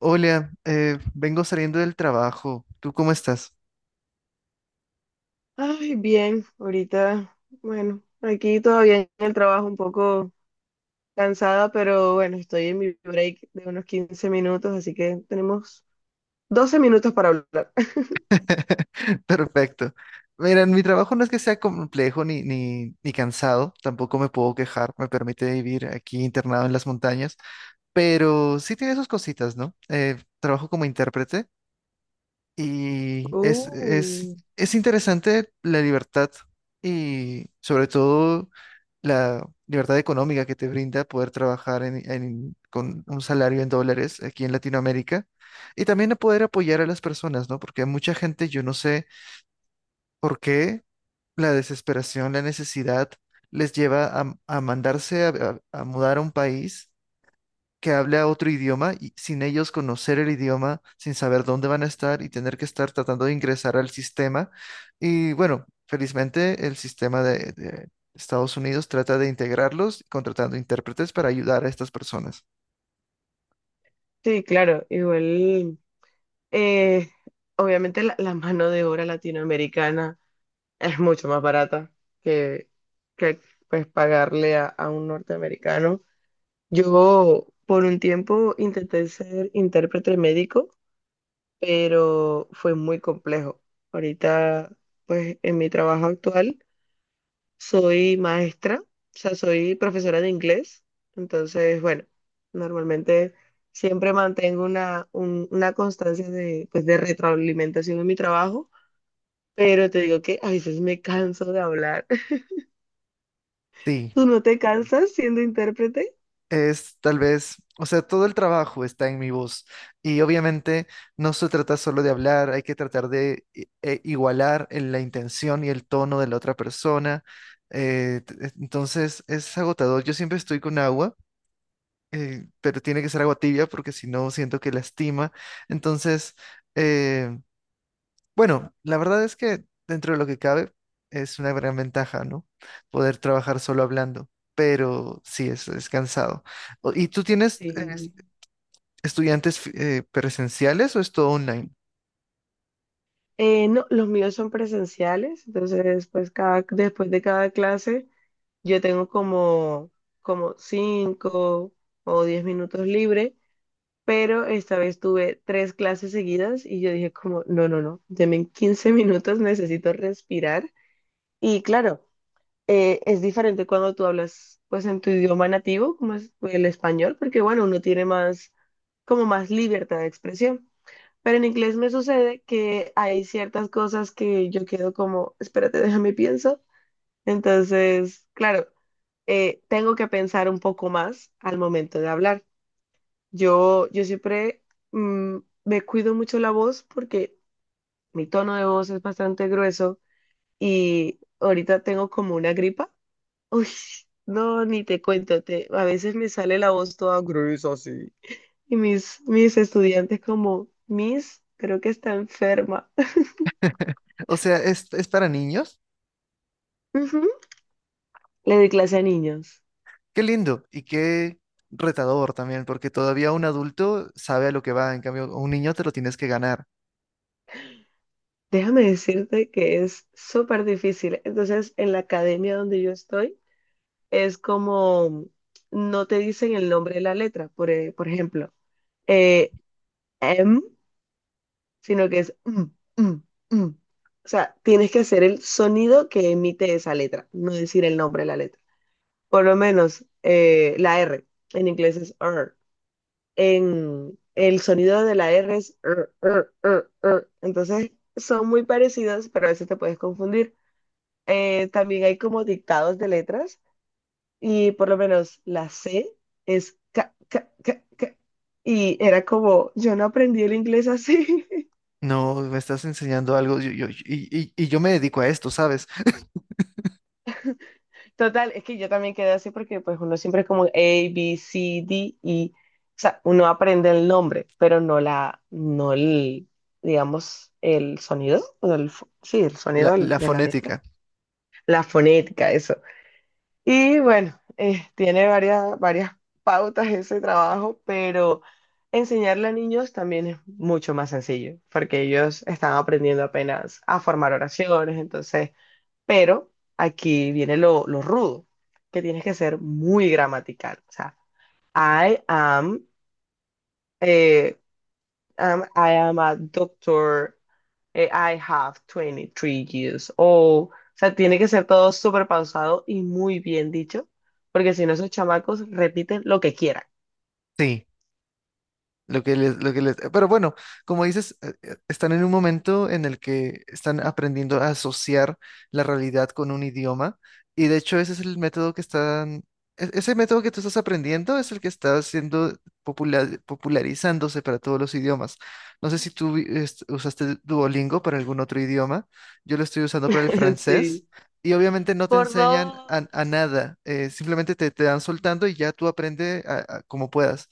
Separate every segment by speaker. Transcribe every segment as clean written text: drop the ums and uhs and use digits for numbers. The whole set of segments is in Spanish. Speaker 1: Hola, vengo saliendo del trabajo. ¿Tú cómo estás?
Speaker 2: Ay, bien, ahorita, bueno, aquí todavía en el trabajo un poco cansada, pero bueno, estoy en mi break de unos 15 minutos, así que tenemos 12 minutos para hablar.
Speaker 1: Perfecto. Mira, mi trabajo no es que sea complejo ni cansado, tampoco me puedo quejar, me permite vivir aquí internado en las montañas, pero sí tiene sus cositas, ¿no? Trabajo como intérprete y es,
Speaker 2: Uh,
Speaker 1: es, es interesante la libertad, y sobre todo la libertad económica que te brinda poder trabajar con un salario en dólares aquí en Latinoamérica, y también a poder apoyar a las personas, ¿no? Porque a mucha gente yo no sé por qué la desesperación, la necesidad les lleva a mandarse a, a mudar a un país que hable a otro idioma y sin ellos conocer el idioma, sin saber dónde van a estar y tener que estar tratando de ingresar al sistema. Y bueno, felizmente el sistema de Estados Unidos trata de integrarlos contratando intérpretes para ayudar a estas personas.
Speaker 2: sí, claro, igual, eh, obviamente la mano de obra latinoamericana es mucho más barata que, que pues, pagarle a un norteamericano. Yo por un tiempo intenté ser intérprete médico, pero fue muy complejo. Ahorita, pues en mi trabajo actual, soy maestra, o sea, soy profesora de inglés. Entonces, bueno, normalmente siempre mantengo una constancia de, pues, de retroalimentación en mi trabajo, pero te digo que a veces me canso de hablar.
Speaker 1: Sí.
Speaker 2: ¿Tú no te cansas siendo intérprete?
Speaker 1: Es tal vez, o sea, todo el trabajo está en mi voz y obviamente no se trata solo de hablar, hay que tratar de igualar en la intención y el tono de la otra persona. Entonces es agotador. Yo siempre estoy con agua, pero tiene que ser agua tibia porque si no siento que lastima. Entonces, eh, bueno, la verdad es que dentro de lo que cabe es una gran ventaja, ¿no? Poder trabajar solo hablando, pero sí, es cansado. ¿Y tú tienes
Speaker 2: Sí.
Speaker 1: estudiantes presenciales o es todo online?
Speaker 2: No, los míos son presenciales, entonces pues cada, después de cada clase. Yo tengo como 5 o 10 minutos libre, pero esta vez tuve tres clases seguidas y yo dije como, no, no, no, deme en 15 minutos, necesito respirar. Y claro, es diferente cuando tú hablas pues en tu idioma nativo, como es el español, porque bueno, uno tiene más, como más libertad de expresión. Pero en inglés me sucede que hay ciertas cosas que yo quedo como, espérate, déjame pienso, entonces, claro, tengo que pensar un poco más al momento de hablar. Yo siempre mm, me cuido mucho la voz porque mi tono de voz es bastante grueso y ahorita tengo como una gripa. Uy, no, ni te cuento, a veces me sale la voz toda gruesa así. Y mis estudiantes como, Miss, creo que está enferma.
Speaker 1: O sea, ¿ es para niños?
Speaker 2: Ujú. Le doy clase a niños.
Speaker 1: Qué lindo y qué retador también, porque todavía un adulto sabe a lo que va, en cambio, a un niño te lo tienes que ganar.
Speaker 2: Déjame decirte que es súper difícil. Entonces, en la academia donde yo estoy, es como, no te dicen el nombre de la letra, por ejemplo, eh, M, sino que es M, M, M. O sea, tienes que hacer el sonido que emite esa letra, no decir el nombre de la letra. Por lo menos la R, en inglés es R. En el sonido de la R es R, R, R, R. Entonces, son muy parecidos, pero a veces te puedes confundir. También hay como dictados de letras y por lo menos la C es ca, ca, ca, ca. Y era como, yo no aprendí el inglés así.
Speaker 1: No, me estás enseñando algo, y yo me dedico a esto, ¿sabes?
Speaker 2: Total, es que yo también quedé así porque pues uno siempre es como A, B, C, D, y, o sea, uno aprende el nombre, pero no la, no el, digamos, el sonido, o el, sí, el
Speaker 1: La,
Speaker 2: sonido
Speaker 1: la
Speaker 2: de la letra.
Speaker 1: fonética.
Speaker 2: La fonética, eso. Y bueno, tiene varias pautas ese trabajo, pero enseñarle a niños también es mucho más sencillo, porque ellos están aprendiendo apenas a formar oraciones. Entonces, pero aquí viene lo rudo, que tienes que ser muy gramatical. O sea, I am, eh, I am a doctor. I have 23 years old. O sea, tiene que ser todo súper pausado y muy bien dicho, porque si no, esos chamacos repiten lo que quieran.
Speaker 1: Sí. Pero bueno, como dices, están en un momento en el que están aprendiendo a asociar la realidad con un idioma, y de hecho ese es el método que ese método que tú estás aprendiendo es el que está siendo popular, popularizándose para todos los idiomas. No sé si tú usaste Duolingo para algún otro idioma, yo lo estoy usando para el francés.
Speaker 2: Sí.
Speaker 1: Y obviamente no te
Speaker 2: Por
Speaker 1: enseñan
Speaker 2: dos.
Speaker 1: a nada, simplemente te dan soltando y ya tú aprende como puedas.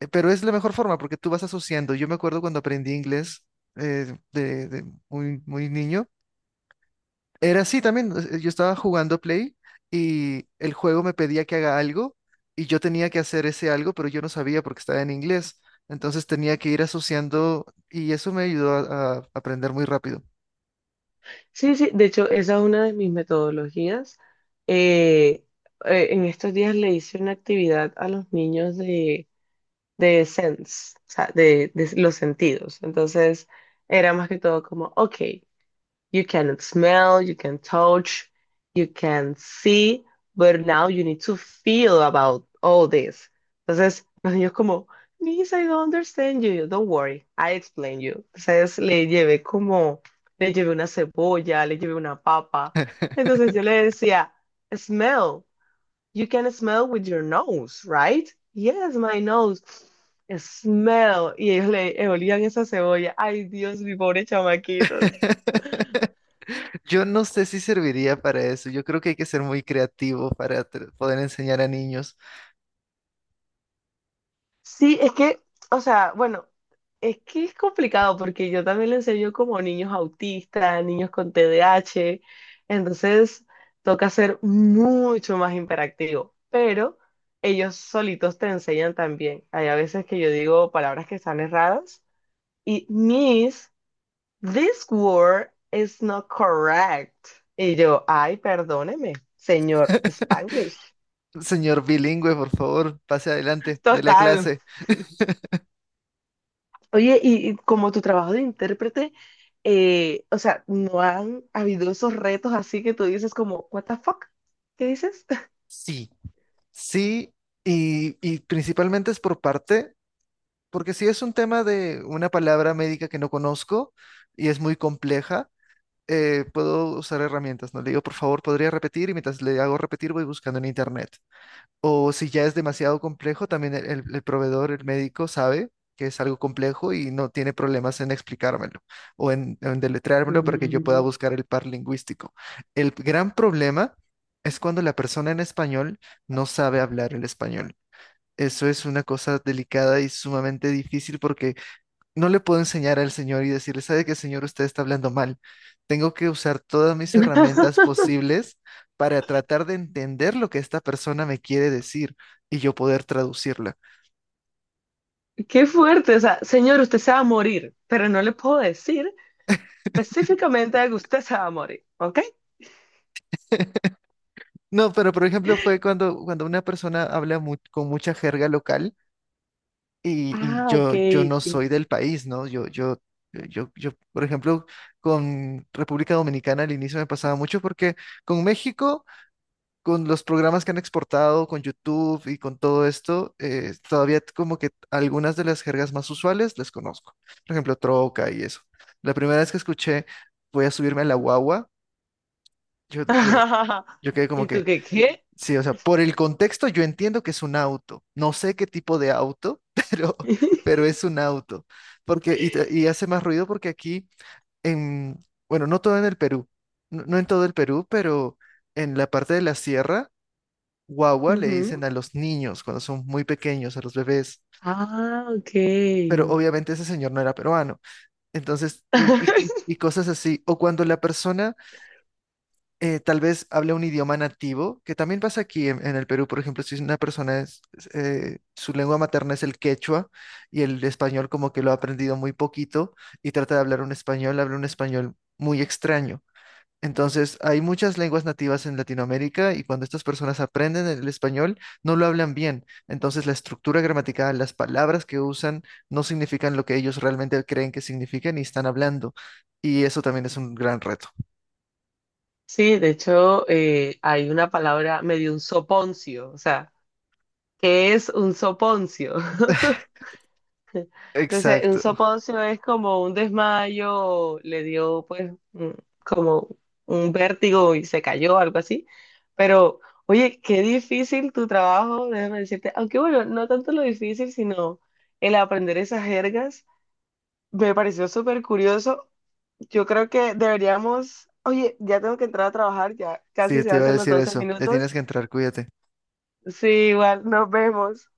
Speaker 1: Pero es la mejor forma porque tú vas asociando. Yo me acuerdo cuando aprendí inglés, de muy, muy niño. Era así también. O sea, yo estaba jugando Play y el juego me pedía que haga algo y yo tenía que hacer ese algo, pero yo no sabía porque estaba en inglés. Entonces tenía que ir asociando y eso me ayudó a aprender muy rápido.
Speaker 2: Sí, sí, de hecho, esa es una de mis metodologías. Eh, en estos días le hice una actividad a los niños de sense, o sea, de los sentidos. Entonces, era más que todo como, ok, you can smell, you can touch, you can see, but now you need to feel about all this. Entonces, los niños como, Miss, I don't understand you. Don't worry, I explain you. Entonces, le llevé una cebolla, le llevé una papa. Entonces, yo le decía, smell. You can smell with your nose, right? Yes, my nose. Smell. Y ellos le olían esa cebolla. Ay, Dios, mi pobre chamaquitos.
Speaker 1: Yo no sé si serviría para eso. Yo creo que hay que ser muy creativo para poder enseñar a niños.
Speaker 2: Sí, es que, o sea, bueno, es que es complicado porque yo también le enseño como niños autistas, niños con TDAH. Entonces, toca ser mucho más imperactivo. Pero ellos solitos te enseñan también. Hay a veces que yo digo palabras que están erradas. Y mis, This word is not correct. Y yo, ay, perdóneme, señor Spanglish.
Speaker 1: Señor bilingüe, por favor, pase adelante de la
Speaker 2: Total.
Speaker 1: clase.
Speaker 2: Oye, y como tu trabajo de intérprete, o sea, ¿no han habido esos retos así que tú dices como, what the fuck? ¿Qué dices?
Speaker 1: Sí, sí, y principalmente es por parte, porque si es un tema de una palabra médica que no conozco y es muy compleja, puedo usar herramientas, ¿no? Le digo, por favor, ¿podría repetir? Y mientras le hago repetir, voy buscando en internet. O si ya es demasiado complejo, también el proveedor, el médico, sabe que es algo complejo y no tiene problemas en explicármelo o en deletreármelo para que yo pueda
Speaker 2: Mm.
Speaker 1: buscar el par lingüístico. El gran problema es cuando la persona en español no sabe hablar el español. Eso es una cosa delicada y sumamente difícil porque no le puedo enseñar al señor y decirle, ¿sabe qué, señor? Usted está hablando mal. Tengo que usar todas mis herramientas posibles para tratar de entender lo que esta persona me quiere decir y yo poder traducirla.
Speaker 2: Qué fuerte, o sea, señor, usted se va a morir, pero no le puedo decir específicamente que usted se va a morir, ¿ok?
Speaker 1: No, pero por ejemplo fue cuando, cuando una persona habla con mucha jerga local y
Speaker 2: Ah, ok.
Speaker 1: yo no soy del país, ¿no? Yo, por ejemplo, con República Dominicana al inicio me pasaba mucho porque con México... con los programas que han exportado, con YouTube y con todo esto, todavía como que algunas de las jergas más usuales las conozco. Por ejemplo, troca y eso. La primera vez que escuché, voy a subirme a la guagua, yo, yo, yo quedé como
Speaker 2: ¿Y tú
Speaker 1: que,
Speaker 2: qué qué?
Speaker 1: sí, o sea, por el contexto yo entiendo que es un auto. No sé qué tipo de auto, pero, pero es un auto. Porque, y hace más ruido porque aquí, en, bueno, no todo en el Perú, no, en todo el Perú, pero en la parte de la sierra, guagua le dicen
Speaker 2: Ujú.
Speaker 1: a los niños cuando son muy pequeños, a los bebés.
Speaker 2: Ah, ok.
Speaker 1: Pero obviamente ese señor no era peruano. Entonces, y cosas así. O cuando la persona tal vez habla un idioma nativo, que también pasa aquí en el Perú, por ejemplo, si una persona su lengua materna es el quechua y el español como que lo ha aprendido muy poquito y trata de hablar un español, habla un español muy extraño. Entonces, hay muchas lenguas nativas en Latinoamérica y cuando estas personas aprenden el español, no lo hablan bien. Entonces, la estructura gramatical, las palabras que usan, no significan lo que ellos realmente creen que significan y están hablando. Y eso también es un gran reto.
Speaker 2: Sí, de hecho, hay una palabra medio un soponcio, o sea, ¿qué es un soponcio? Entonces, un
Speaker 1: Exacto.
Speaker 2: soponcio es como un desmayo, le dio pues como un vértigo y se cayó, algo así. Pero, oye, qué difícil tu trabajo, déjame decirte, aunque bueno, no tanto lo difícil, sino el aprender esas jergas. Me pareció súper curioso. Yo creo que deberíamos, oye, ya tengo que entrar a trabajar, ya
Speaker 1: Sí,
Speaker 2: casi se
Speaker 1: te iba a
Speaker 2: hacen los
Speaker 1: decir
Speaker 2: 12
Speaker 1: eso. Le tienes
Speaker 2: minutos.
Speaker 1: que entrar, cuídate.
Speaker 2: Sí, igual, nos vemos.